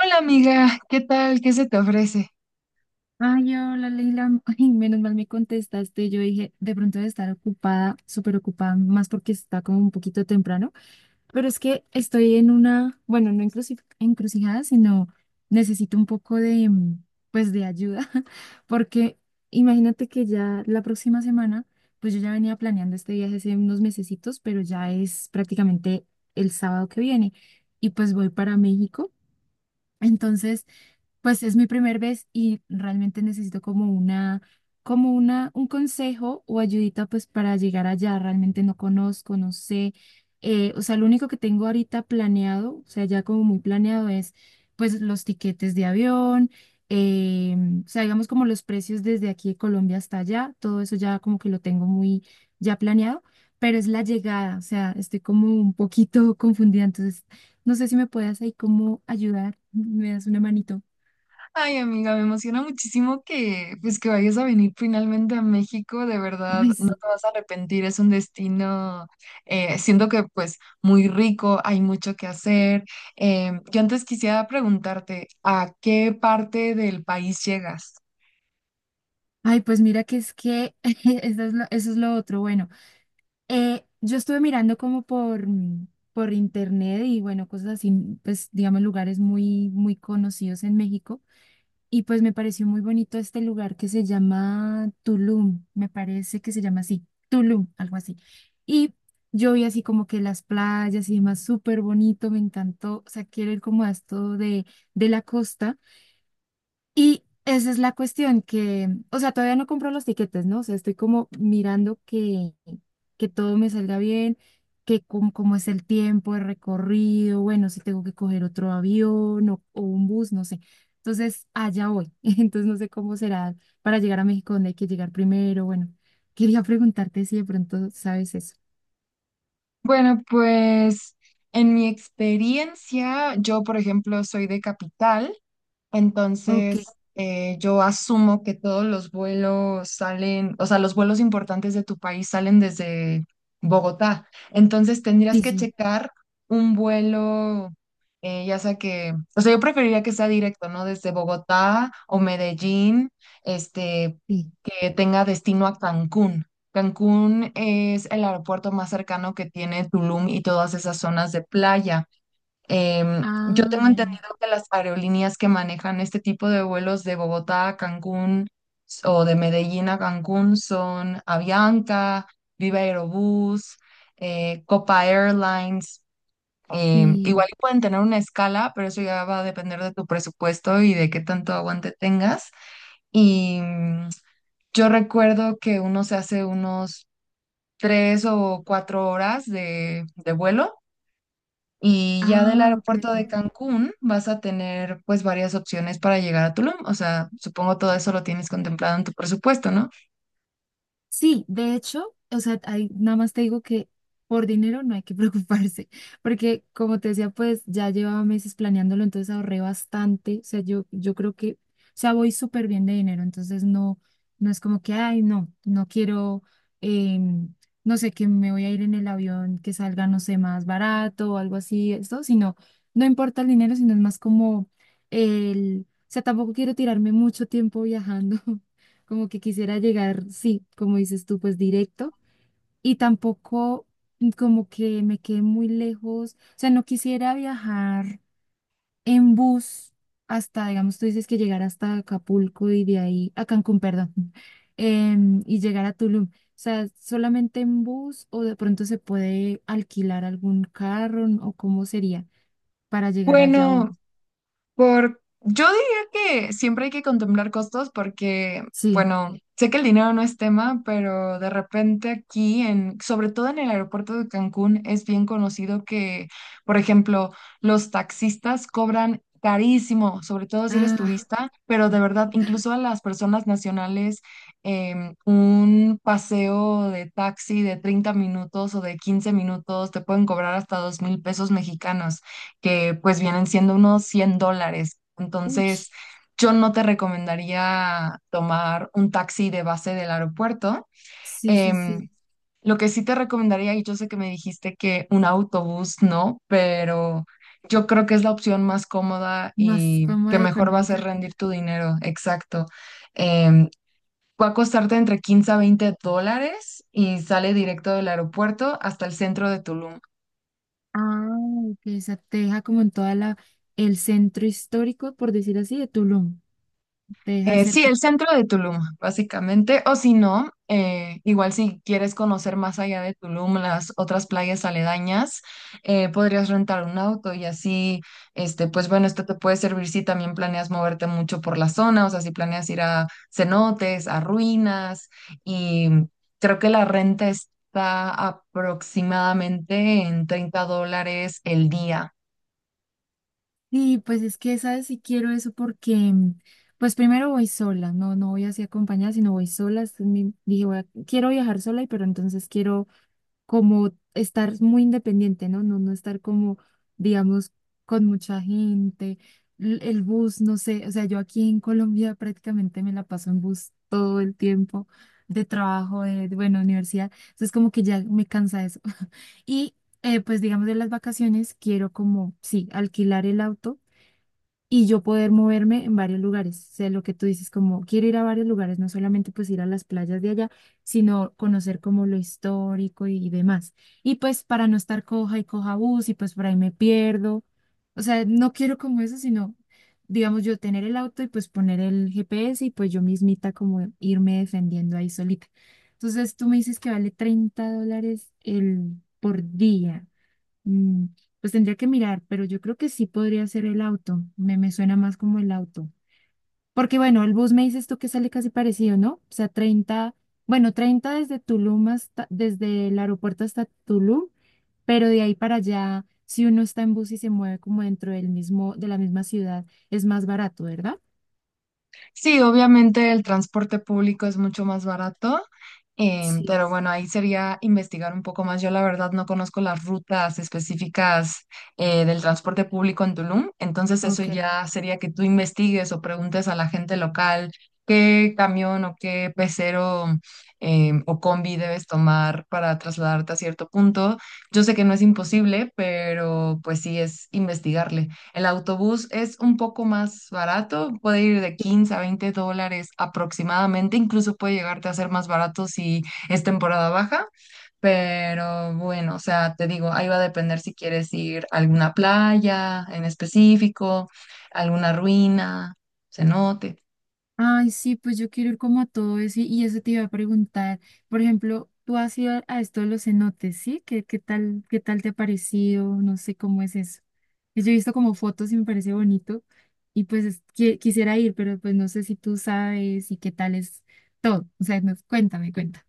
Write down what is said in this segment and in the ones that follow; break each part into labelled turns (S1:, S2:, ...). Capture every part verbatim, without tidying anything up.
S1: Hola amiga, ¿qué tal? ¿Qué se te ofrece?
S2: Ay, hola Leila, Ay, menos mal me contestaste. Yo dije, de pronto de estar ocupada, súper ocupada, más porque está como un poquito temprano, pero es que estoy en una, bueno, no encruci- encrucijada, sino necesito un poco de, mm, pues, de ayuda, porque imagínate que ya la próxima semana, pues yo ya venía planeando este viaje hace unos mesecitos, pero ya es prácticamente el sábado que viene y pues voy para México. Entonces... Pues es mi primera vez y realmente necesito como una, como una, un consejo o ayudita pues para llegar allá. Realmente no conozco, no sé. Eh, o sea, lo único que tengo ahorita planeado, o sea, ya como muy planeado es pues los tiquetes de avión, eh, o sea, digamos como los precios desde aquí de Colombia hasta allá, todo eso ya como que lo tengo muy ya planeado, pero es la llegada, o sea, estoy como un poquito confundida, entonces no sé si me puedas ahí como ayudar, me das una manito.
S1: Ay amiga, me emociona muchísimo que pues que vayas a venir finalmente a México, de verdad,
S2: Ay,
S1: no
S2: sí.
S1: te vas a arrepentir, es un destino, eh, siento que pues muy rico, hay mucho que hacer. Eh, yo antes quisiera preguntarte, ¿a qué parte del país llegas?
S2: Ay, pues mira que es que eso es lo, eso es lo otro. Bueno, eh, yo estuve mirando como por, mm, por internet y bueno, cosas así, mm, pues digamos lugares muy, muy conocidos en México. Y pues me pareció muy bonito este lugar que se llama Tulum, me parece que se llama así, Tulum, algo así. Y yo vi así como que las playas y demás, súper bonito, me encantó. O sea, quiero ir como a esto de, de, la costa. Y esa es la cuestión, que, o sea, todavía no compro los tiquetes, ¿no? O sea, estoy como mirando que, que todo me salga bien, que cómo, cómo es el tiempo, el recorrido, bueno, si tengo que coger otro avión o, o un bus, no sé. Entonces, allá voy. Entonces, no sé cómo será para llegar a México, dónde hay que llegar primero. Bueno, quería preguntarte si de pronto sabes eso.
S1: Bueno, pues en mi experiencia, yo por ejemplo soy de Capital.
S2: Ok,
S1: Entonces, eh, yo asumo que todos los vuelos salen, o sea, los vuelos importantes de tu país salen desde Bogotá. Entonces, tendrías
S2: sí,
S1: que
S2: sí,
S1: checar un vuelo, eh, ya sea que, o sea, yo preferiría que sea directo, ¿no? Desde Bogotá o Medellín, este,
S2: sí.
S1: que tenga destino a Cancún. Cancún es el aeropuerto más cercano que tiene Tulum y todas esas zonas de playa. Em, yo
S2: Ah,
S1: tengo
S2: ya, ya.
S1: entendido que las aerolíneas que manejan este tipo de vuelos de Bogotá a Cancún s- o de Medellín a Cancún son Avianca, Viva Aerobús, eh, Copa Airlines. Em,
S2: Sí.
S1: igual y pueden tener una escala, pero eso ya va a depender de tu presupuesto y de qué tanto aguante tengas. Y mm, yo recuerdo que uno se hace unos tres o cuatro horas de de vuelo y ya del
S2: Ah, ok.
S1: aeropuerto de Cancún vas a tener pues varias opciones para llegar a Tulum. O sea, supongo todo eso lo tienes contemplado en tu presupuesto, ¿no?
S2: Sí, de hecho, o sea, ahí nada más te digo que por dinero no hay que preocuparse, porque como te decía, pues ya llevaba meses planeándolo, entonces ahorré bastante, o sea, yo, yo creo que, o sea, voy súper bien de dinero, entonces no, no es como que, ay, no, no quiero, em, no sé, que me voy a ir en el avión que salga, no sé, más barato o algo así, esto, sino, no importa el dinero, sino es más como el, o sea, tampoco quiero tirarme mucho tiempo viajando. Como que quisiera llegar, sí, como dices tú, pues directo, y tampoco como que me quede muy lejos, o sea, no quisiera viajar en bus hasta, digamos, tú dices que llegar hasta Acapulco y de ahí, a Cancún, perdón, em, y llegar a Tulum, o sea, solamente en bus o de pronto se puede alquilar algún carro, ¿no? O cómo sería para llegar allá o
S1: Bueno, Por, yo diría que siempre hay que contemplar costos porque,
S2: sí,
S1: bueno, sé que el dinero no es tema, pero de repente aquí, en, sobre todo en el aeropuerto de Cancún, es bien conocido que, por ejemplo, los taxistas cobran carísimo, sobre todo si eres
S2: ah,
S1: turista, pero de verdad, incluso a las personas nacionales, em, un paseo de taxi de treinta minutos o de quince minutos te pueden cobrar hasta dos mil pesos mexicanos que pues vienen siendo unos cien dólares.
S2: uy,
S1: Entonces, yo no te recomendaría tomar un taxi de base del aeropuerto.
S2: sí, sí, sí,
S1: Em, lo que sí te recomendaría, y yo sé que me dijiste que un autobús no, pero yo creo que es la opción más cómoda
S2: más
S1: y que
S2: fama
S1: mejor va a ser
S2: económica.
S1: rendir tu dinero. Exacto. Em, Va a costarte entre quince a veinte dólares y sale directo del aeropuerto hasta el centro de Tulum.
S2: Ah, que esa te deja como en toda la, el centro histórico, por decir así, de Tulum. Te deja
S1: Eh, sí,
S2: cerca.
S1: el centro de Tulum, básicamente. O si no, eh, igual si quieres conocer más allá de Tulum, las otras playas aledañas, eh, podrías rentar un auto y así, este, pues bueno, esto te puede servir si también planeas moverte mucho por la zona, o sea, si planeas ir a cenotes, a ruinas, y creo que la renta está aproximadamente en treinta dólares el día.
S2: Sí, pues es que, ¿sabes? Si quiero eso porque, mm, pues primero voy sola, no, no voy así acompañada, sino voy sola. es mi- Dije, voy a- quiero viajar sola, y pero entonces quiero como estar muy independiente, ¿no? No, no estar como, digamos, con mucha gente, l- el bus, no sé. O sea, yo aquí en Colombia prácticamente me la paso en bus el tiempo de trabajo, de, de, bueno, universidad. Entonces como que ya me cansa eso. Y eh, pues digamos de las vacaciones quiero como, sí, alquilar el auto y yo poder moverme en varios lugares. Sé lo que tú dices, como quiero ir a varios lugares, no solamente pues ir a las playas de allá, sino conocer como lo histórico y, demás. Y pues para no estar coja y coja bus y pues por ahí me pierdo. O sea, no quiero como eso, sino, digamos, yo tener el auto y pues poner el G P S y pues yo mismita como irme defendiendo ahí solita. Entonces tú me dices que vale treinta dólares el por día. Mm, pues tendría que mirar, pero yo creo que sí podría ser el auto. Me, me suena más como el auto. Porque bueno, el bus me dices tú que sale casi parecido, ¿no? O sea, treinta bueno, treinta desde Tulum hasta, desde el aeropuerto hasta Tulum, pero de ahí para allá, si uno está en bus y se mueve como dentro del mismo, de la misma ciudad, es más barato, ¿verdad?
S1: Sí, obviamente el transporte público es mucho más barato, em,
S2: Sí,
S1: pero bueno, ahí sería investigar un poco más. Yo la verdad no conozco las rutas específicas eh, del transporte público en Tulum, entonces eso
S2: ok.
S1: ya sería que tú investigues o preguntes a la gente local qué camión o qué pecero em, o combi debes tomar para trasladarte a cierto punto. Yo sé que no es imposible, pero pues sí es investigarle. El autobús es un poco más barato, puede ir de
S2: Sí.
S1: quince a veinte dólares aproximadamente, incluso puede llegarte a ser más barato si es temporada baja, pero bueno, o sea, te digo, ahí va a depender si quieres ir a alguna playa en específico, alguna ruina, cenote.
S2: Ay, sí, pues yo quiero ir como a todo eso y, y eso te iba a preguntar. Por ejemplo, tú has ido a esto de los cenotes, ¿sí? ¿Qué, qué tal, qué tal te ha parecido? No sé cómo es eso. Pues yo he visto como fotos y me parece bonito y pues es- qui- quisiera ir, pero pues no sé si tú sabes y qué tal es todo. O sea, no- cuéntame, cuenta.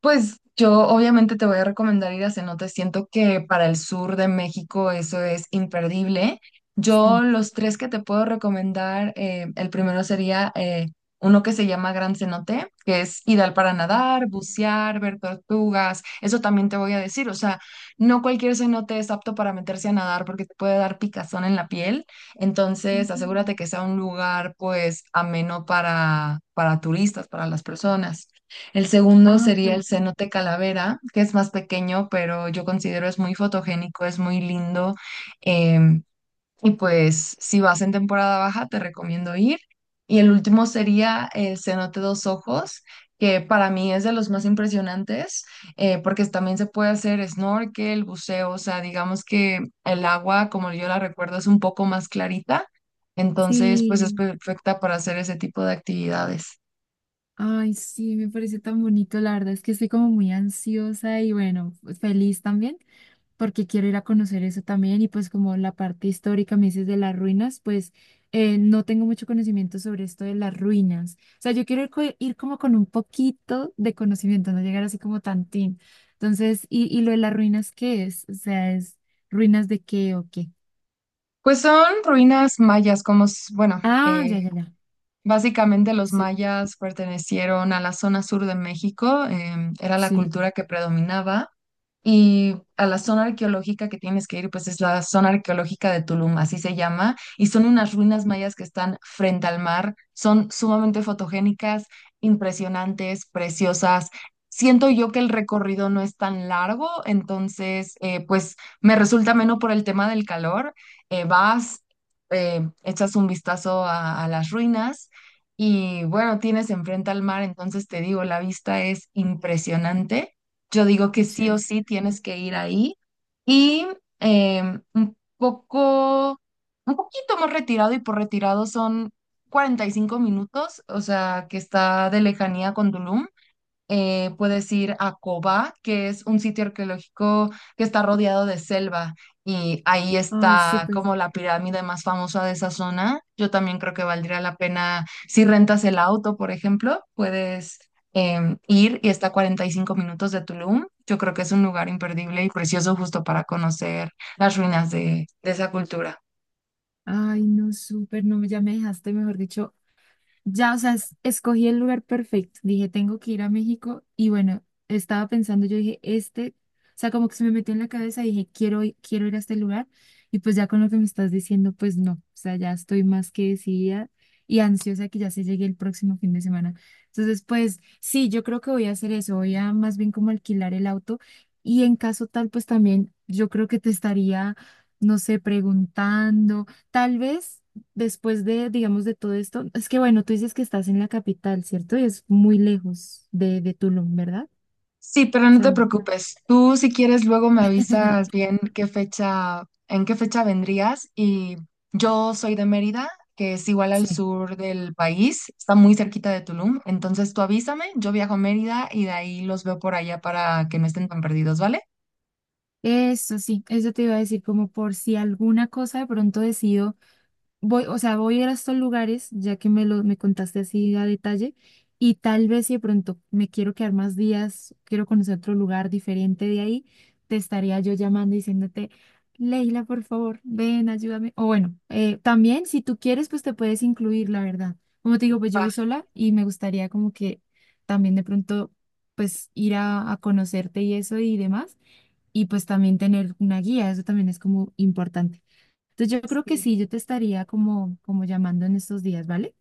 S1: Pues yo obviamente te voy a recomendar ir a cenotes. Siento que para el sur de México eso es imperdible. Yo
S2: Sí.
S1: los tres que te puedo recomendar, eh, el primero sería eh, uno que se llama Gran Cenote, que es ideal para nadar, bucear, ver tortugas. Eso también te voy a decir. O sea, no cualquier cenote es apto para meterse a nadar porque te puede dar picazón en la piel. Entonces, asegúrate
S2: Mm.
S1: que sea un lugar pues ameno para, para turistas, para las personas. El segundo
S2: Ah,
S1: sería el
S2: ok.
S1: cenote calavera, que es más pequeño, pero yo considero es muy fotogénico, es muy lindo. Em, y pues si vas en temporada baja, te recomiendo ir. Y el último sería el cenote dos ojos, que para mí es de los más impresionantes, eh, porque también se puede hacer snorkel, buceo, o sea, digamos que el agua, como yo la recuerdo, es un poco más clarita. Entonces, pues es
S2: Sí.
S1: perfecta para hacer ese tipo de actividades.
S2: Ay, sí, me parece tan bonito. La verdad es que estoy como muy ansiosa y bueno, pues, feliz también porque quiero ir a conocer eso también y pues como la parte histórica me dices de las ruinas, pues eh, no tengo mucho conocimiento sobre esto de las ruinas. O sea, yo quiero ir, co- ir como con un poquito de conocimiento, no llegar así como tantín. Entonces, ¿y, y lo de las ruinas qué es? O sea, ¿es ruinas de qué o qué?
S1: Pues son ruinas mayas, como, s- bueno,
S2: Ah,
S1: eh,
S2: ya, ya, ya.
S1: básicamente los
S2: Sí,
S1: mayas pertenecieron a la zona sur de México, em, era la
S2: sí.
S1: cultura que predominaba. Y a la zona arqueológica que tienes que ir, pues es la zona arqueológica de Tulum, así se llama, y son unas ruinas mayas que están frente al mar, son sumamente fotogénicas, impresionantes, preciosas. Siento yo que el recorrido no es tan largo, entonces, eh, pues me resulta menos por el tema del calor. Eh, vas, eh, echas un vistazo a, a las ruinas y bueno, tienes enfrente al mar, entonces te digo, la vista es impresionante. Yo digo que
S2: Qué
S1: sí o
S2: chévere.
S1: sí tienes que ir ahí y em, un poco, un poquito más retirado y por retirado son cuarenta y cinco minutos, o sea, que está de lejanía con Tulum. Eh, puedes ir a Cobá, que es un sitio arqueológico que está rodeado de selva y ahí
S2: Ay,
S1: está
S2: súper.
S1: como la pirámide más famosa de esa zona. Yo también creo que valdría la pena, si rentas el auto, por ejemplo, puedes em, ir y está a cuarenta y cinco minutos de Tulum. Yo creo que es un lugar imperdible y precioso justo para conocer las ruinas de de esa cultura.
S2: Ay, no, súper. No, ya me dejaste, mejor dicho, ya, o sea, es- escogí el lugar perfecto. Dije, tengo que ir a México. Y bueno, estaba pensando, yo dije, este, o sea, como que se me metió en la cabeza y dije, quiero, i- quiero ir a este lugar. Y pues ya con lo que me estás diciendo, pues no. O sea, ya estoy más que decidida y ansiosa que ya se llegue el próximo fin de semana. Entonces, pues sí, yo creo que voy a hacer eso. Voy a más bien como alquilar el auto. Y en caso tal, pues también yo creo que te estaría, no sé, preguntando, tal vez después de, digamos, de todo esto, es que bueno, tú dices que estás en la capital, ¿cierto? Y es muy lejos de, de Tulum, ¿verdad?
S1: Sí, pero
S2: O
S1: no
S2: sea,
S1: te preocupes. Tú, si quieres, luego me avisas bien qué fecha, en qué fecha vendrías. Y yo soy de Mérida, que es igual al
S2: sí.
S1: sur del país, está muy cerquita de Tulum. Entonces tú avísame, yo viajo a Mérida y de ahí los veo por allá para que no estén tan perdidos, ¿vale?
S2: Eso sí, eso te iba a decir, como por si alguna cosa de pronto decido voy, o sea, voy a ir a estos lugares, ya que me lo me contaste así a detalle, y tal vez si de pronto me quiero quedar más días, quiero conocer otro lugar diferente de ahí, te estaría yo llamando y diciéndote, Leila, por favor, ven, ayúdame. O bueno, eh, también si tú quieres, pues te puedes incluir, la verdad. Como te digo, pues yo
S1: Va,
S2: voy sola y me gustaría como que también de pronto pues ir a, a conocerte y eso y demás, y pues también tener una guía, eso también es como importante. Entonces yo creo que
S1: sí.
S2: sí, yo te estaría como, como llamando en estos días, ¿vale?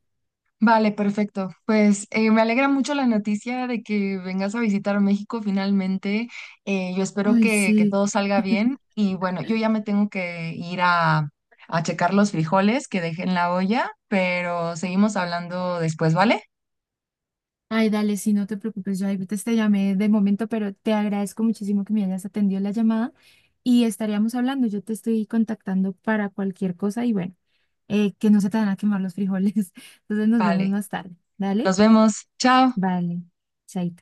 S1: Vale, perfecto. Pues eh, me alegra mucho la noticia de que vengas a visitar México finalmente. Eh, yo espero
S2: Ay,
S1: que, que
S2: sí.
S1: todo salga bien. Y bueno, yo ya me tengo que ir a, a checar los frijoles que dejé en la olla, pero seguimos hablando después, ¿vale?
S2: Ay, dale, sí, no te preocupes, yo ahí te, te llamé de momento, pero te agradezco muchísimo que me hayas atendido la llamada y estaríamos hablando, yo te estoy contactando para cualquier cosa y bueno, eh, que no se te van a quemar los frijoles. Entonces nos vemos
S1: Vale.
S2: más tarde, ¿dale?
S1: Nos vemos. Chao.
S2: Vale, chaito.